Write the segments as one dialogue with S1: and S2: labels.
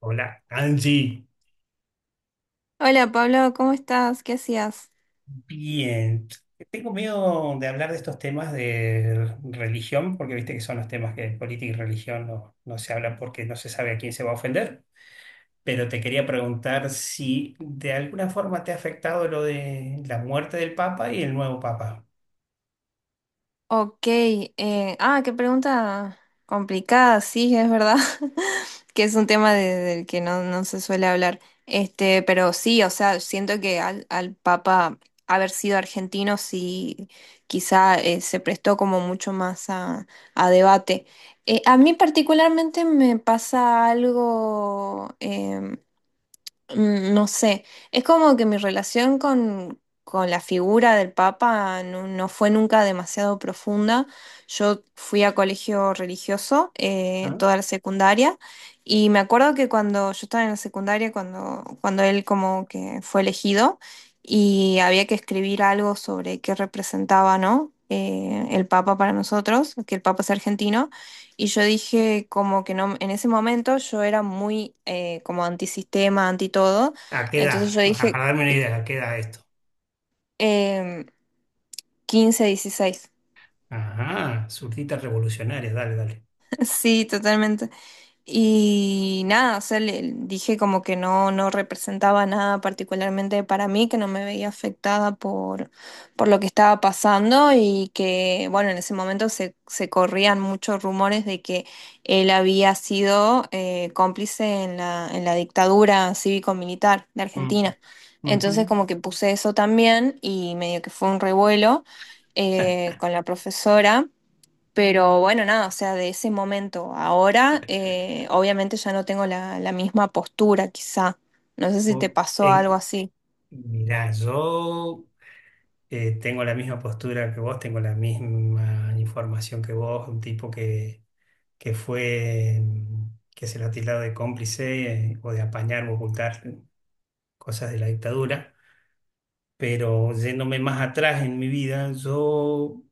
S1: Hola, Angie.
S2: Hola Pablo, ¿cómo estás? ¿Qué hacías?
S1: Bien. Tengo miedo de hablar de estos temas de religión, porque viste que son los temas que de política y religión no se hablan porque no se sabe a quién se va a ofender. Pero te quería preguntar si de alguna forma te ha afectado lo de la muerte del Papa y el nuevo Papa.
S2: Ok, qué pregunta complicada. Sí, es verdad, que es un tema del que no se suele hablar, pero sí, o sea, siento que al Papa haber sido argentino, sí, quizá se prestó como mucho más a debate. A mí particularmente me pasa algo, no sé, es como que mi relación con la figura del Papa no fue nunca demasiado profunda. Yo fui a colegio religioso,
S1: ¿Ah?
S2: toda la secundaria, y me acuerdo que cuando yo estaba en la secundaria, cuando él como que fue elegido y había que escribir algo sobre qué representaba, ¿no? El Papa para nosotros, que el Papa es argentino. Y yo dije como que no, en ese momento yo era muy, como antisistema, anti todo.
S1: ¿A qué
S2: Entonces
S1: edad?
S2: yo
S1: Ajá,
S2: dije,
S1: para darme una idea, ¿a qué edad esto?
S2: em, 15, 16.
S1: Ajá, surtitas revolucionarias, dale, dale.
S2: Sí, totalmente. Y nada, o sea, le dije como que no, no representaba nada particularmente para mí, que no me veía afectada por lo que estaba pasando y que, bueno, en ese momento se corrían muchos rumores de que él había sido, cómplice en la dictadura cívico-militar de
S1: Mm,
S2: Argentina. Entonces
S1: ujú.
S2: como que puse eso también y medio que fue un revuelo con la profesora. Pero bueno, nada, o sea, de ese momento a ahora, obviamente ya no tengo la misma postura, quizá. No sé si te
S1: O-
S2: pasó algo
S1: en-
S2: así.
S1: mirá, yo tengo la misma postura que vos, tengo la misma información que vos, un tipo que fue, que se lo ha tildado de cómplice o de apañar o ocultar cosas de la dictadura, pero yéndome más atrás en mi vida, yo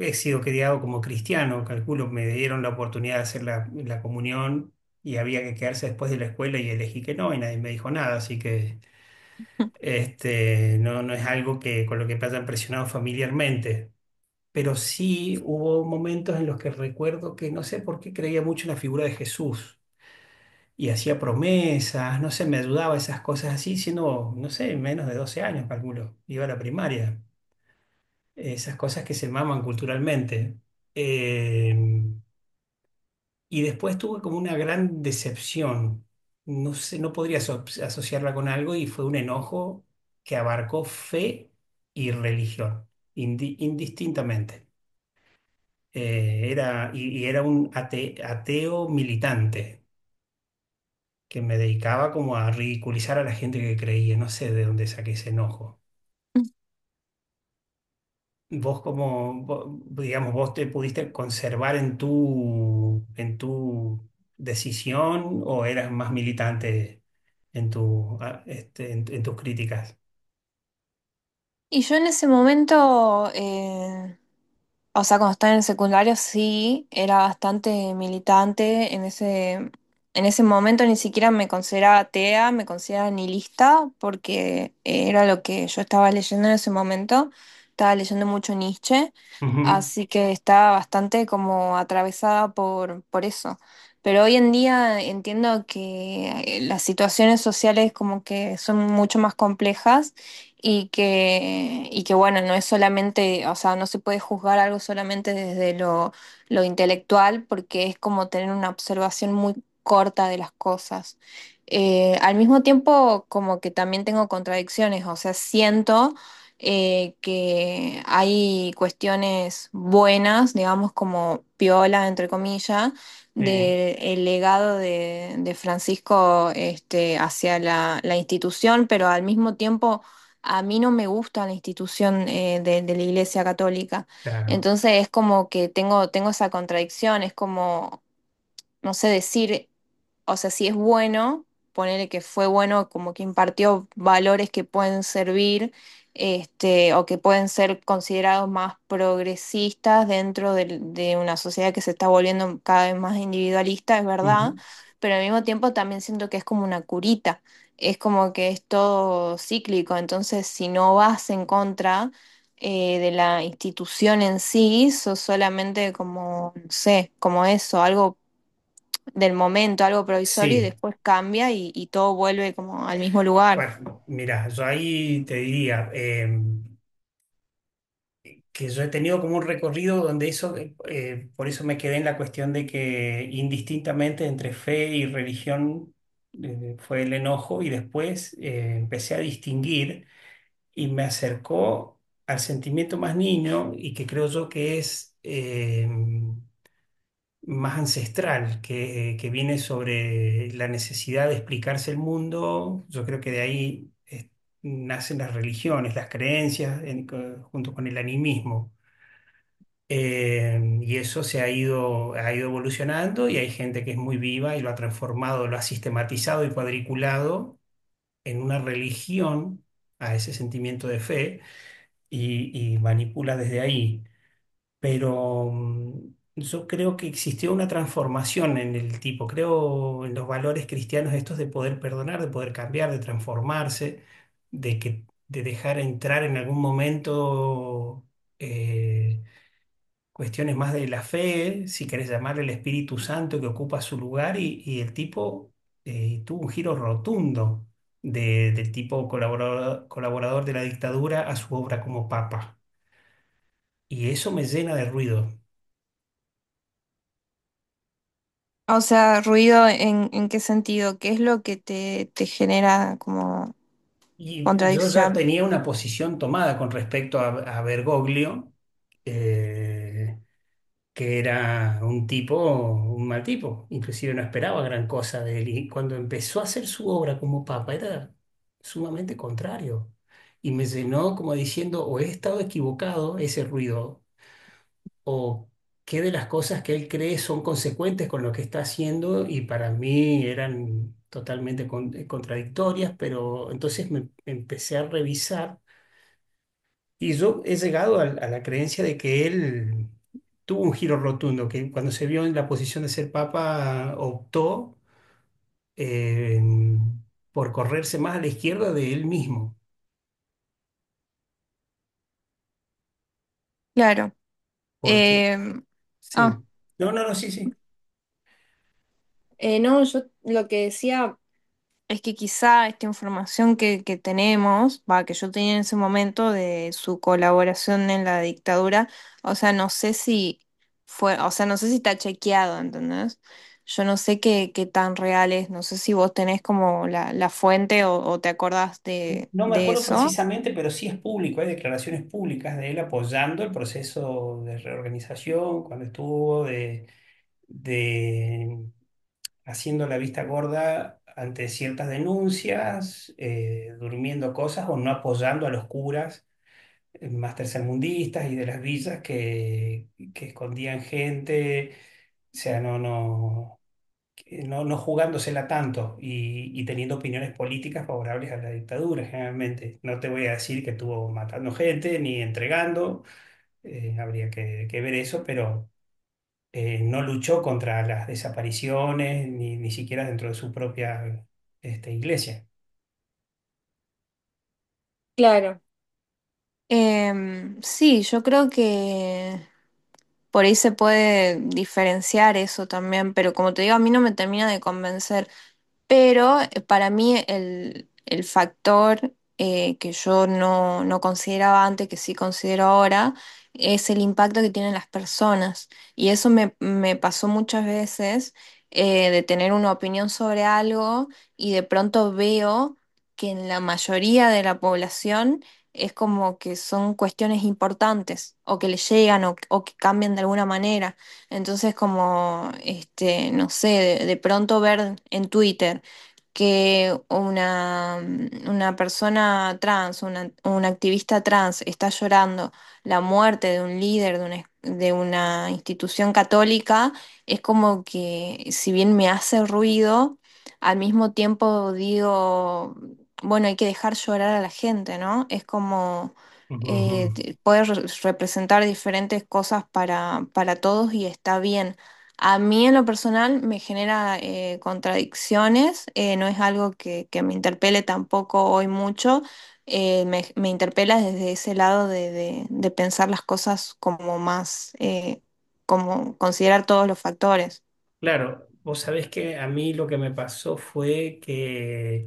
S1: he sido criado como cristiano, calculo, me dieron la oportunidad de hacer la, la comunión y había que quedarse después de la escuela y elegí que no y nadie me dijo nada, así que... Este, no es algo que con lo que me hayan presionado familiarmente pero sí hubo momentos en los que recuerdo que no sé por qué creía mucho en la figura de Jesús y hacía promesas, no sé, me ayudaba esas cosas así, siendo, no sé, menos de 12 años, calculo, iba a la primaria, esas cosas que se maman culturalmente. Eh, y después tuve como una gran decepción, no sé, no podría asociarla con algo y fue un enojo que abarcó fe y religión, indistintamente. Y era un ateo militante que me dedicaba como a ridiculizar a la gente que creía. No sé de dónde saqué ese enojo. Vos como, digamos, vos te pudiste conservar en tu decisión o eras más militante en en tus críticas.
S2: Y yo en ese momento, o sea, cuando estaba en el secundario, sí, era bastante militante. En ese momento ni siquiera me consideraba atea, me consideraba nihilista, porque era lo que yo estaba leyendo en ese momento. Estaba leyendo mucho Nietzsche,
S1: Ujú,
S2: así que estaba bastante como atravesada por eso. Pero hoy en día entiendo que, las situaciones sociales como que son mucho más complejas y que bueno, no es solamente, o sea, no se puede juzgar algo solamente desde lo intelectual, porque es como tener una observación muy corta de las cosas. Al mismo tiempo, como que también tengo contradicciones, o sea, siento, que hay cuestiones buenas, digamos, como piola, entre comillas,
S1: sí,
S2: del legado de Francisco, este, hacia la, la institución, pero al mismo tiempo a mí no me gusta la institución, de la Iglesia Católica.
S1: claro.
S2: Entonces es como que tengo, tengo esa contradicción, es como, no sé decir, o sea, si es bueno, ponerle que fue bueno, como que impartió valores que pueden servir, este, o que pueden ser considerados más progresistas dentro una sociedad que se está volviendo cada vez más individualista, es verdad,
S1: Ujú.
S2: pero al mismo tiempo también siento que es como una curita, es como que es todo cíclico, entonces si no vas en contra, de la institución en sí, sos solamente como, no sé, como eso, algo del momento, algo provisorio, y
S1: Sí,
S2: después cambia y todo vuelve como al mismo lugar.
S1: bueno, mira, yo ahí te diría, que yo he tenido como un recorrido donde eso, por eso me quedé en la cuestión de que indistintamente entre fe y religión fue el enojo y después empecé a distinguir y me acercó al sentimiento más niño y que creo yo que es más ancestral, que viene sobre la necesidad de explicarse el mundo. Yo creo que de ahí... nacen las religiones, las creencias, en- junto con el animismo. Y eso se ha ido evolucionando y hay gente que es muy viva y lo ha transformado, lo ha sistematizado y cuadriculado en una religión a ese sentimiento de fe y manipula desde ahí. Pero yo creo que existió una transformación en el tipo, creo en los valores cristianos estos de poder perdonar, de poder cambiar, de transformarse, de que, de dejar entrar en algún momento. eh, Cuestiones más de la fe, si querés llamarle el Espíritu Santo que ocupa su lugar y el tipo tuvo un giro rotundo del tipo colaborador, colaborador de la dictadura a su obra como papa. Y eso me llena de ruido.
S2: O sea, ruido en, ¿en qué sentido? ¿Qué es lo que te genera como
S1: Y yo ya
S2: contradicción?
S1: tenía una posición tomada con respecto a Bergoglio. eh, que era un tipo, un mal tipo. Inclusive no esperaba gran cosa de él. Y cuando empezó a hacer su obra como papa, era sumamente contrario. Y me llenó como diciendo, o he estado equivocado ese ruido, o qué de las cosas que él cree son consecuentes con lo que está haciendo y para mí eran totalmente contradictorias, pero entonces me empecé a revisar y yo he llegado a la creencia de que él tuvo un giro rotundo, que cuando se vio en la posición de ser papa optó eh, por correrse más a la izquierda de él mismo,
S2: Claro.
S1: porque
S2: Eh,
S1: sí.
S2: ah,
S1: No, sí, sí.
S2: No, yo lo que decía es que quizá esta información que tenemos, va, que yo tenía en ese momento de su colaboración en la dictadura, o sea, no sé si fue, o sea, no sé si está chequeado, ¿entendés? Yo no sé qué, qué tan real es, no sé si vos tenés como la fuente o te acordás
S1: No me
S2: de
S1: acuerdo
S2: eso.
S1: precisamente, pero sí es público, hay declaraciones públicas de él apoyando el proceso de reorganización cuando estuvo, de, haciendo la vista gorda ante ciertas denuncias, durmiendo cosas o no apoyando a los curas más tercermundistas y de las villas que escondían gente, o sea, no, no, que no, no jugándosela tanto y teniendo opiniones políticas favorables a la dictadura generalmente. No te voy a decir que estuvo matando gente ni entregando, habría que ver eso, pero no luchó contra las desapariciones, ni siquiera dentro de su propia este, iglesia.
S2: Claro. Em, sí, yo creo que por ahí se puede diferenciar eso también, pero como te digo, a mí no me termina de convencer. Pero para mí el factor, que yo no, no consideraba antes, que sí considero ahora, es el impacto que tienen las personas. Y eso me, me pasó muchas veces, de tener una opinión sobre algo y de pronto veo que en la mayoría de la población es como que son cuestiones importantes o que le llegan o que cambian de alguna manera. Entonces, como, este, no sé, de pronto ver en Twitter que una, mm, una persona trans, una, un activista trans está llorando la muerte de un líder de una institución católica, es como que si bien me hace ruido, al mismo tiempo digo bueno, hay que dejar llorar a la gente, ¿no? Es como,
S1: Ujú.
S2: poder representar diferentes cosas para todos, y está bien. A mí en lo personal me genera, contradicciones, no es algo que me interpele tampoco hoy mucho, me, me interpela desde ese lado de, de pensar las cosas como más, como considerar todos los factores.
S1: Claro, vos sabés que a mí lo que me pasó fue que,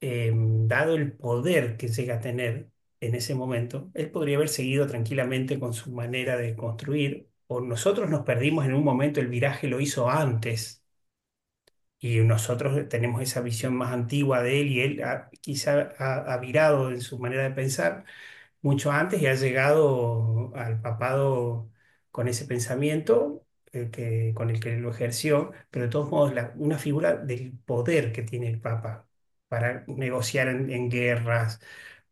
S1: dado el poder que llega a tener en ese momento, él podría haber seguido tranquilamente con su manera de construir, o nosotros nos perdimos en un momento, el viraje lo hizo antes, y nosotros tenemos esa visión más antigua de él, y él quizá ha virado en su manera de pensar mucho antes y ha llegado al papado con ese pensamiento con el que lo ejerció, pero de todos modos una figura del poder que tiene el papa para negociar en guerras,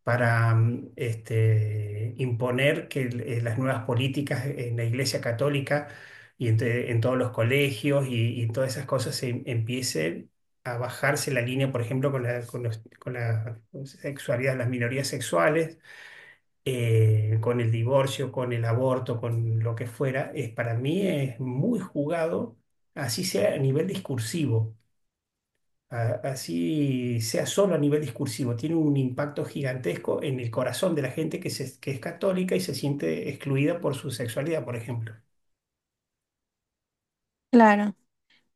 S1: para imponer que las nuevas políticas en la Iglesia Católica y todos los colegios y todas esas cosas se empiece a bajarse la línea, por ejemplo, con la, con la sexualidad, las minorías sexuales, con el divorcio, con el aborto, con lo que fuera, es, para mí es muy jugado, así sea a nivel discursivo, así sea solo a nivel discursivo, tiene un impacto gigantesco en el corazón de la gente que, que es católica y se siente excluida por su sexualidad, por ejemplo.
S2: Claro.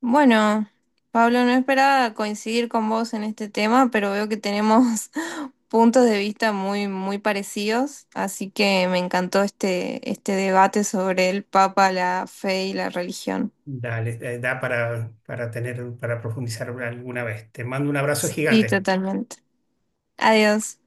S2: Bueno, Pablo, no esperaba coincidir con vos en este tema, pero veo que tenemos puntos de vista muy, muy parecidos, así que me encantó este, este debate sobre el Papa, la fe y la religión.
S1: Dale, da para tener, para profundizar alguna vez. Te mando un abrazo
S2: Sí,
S1: gigante.
S2: totalmente. Adiós.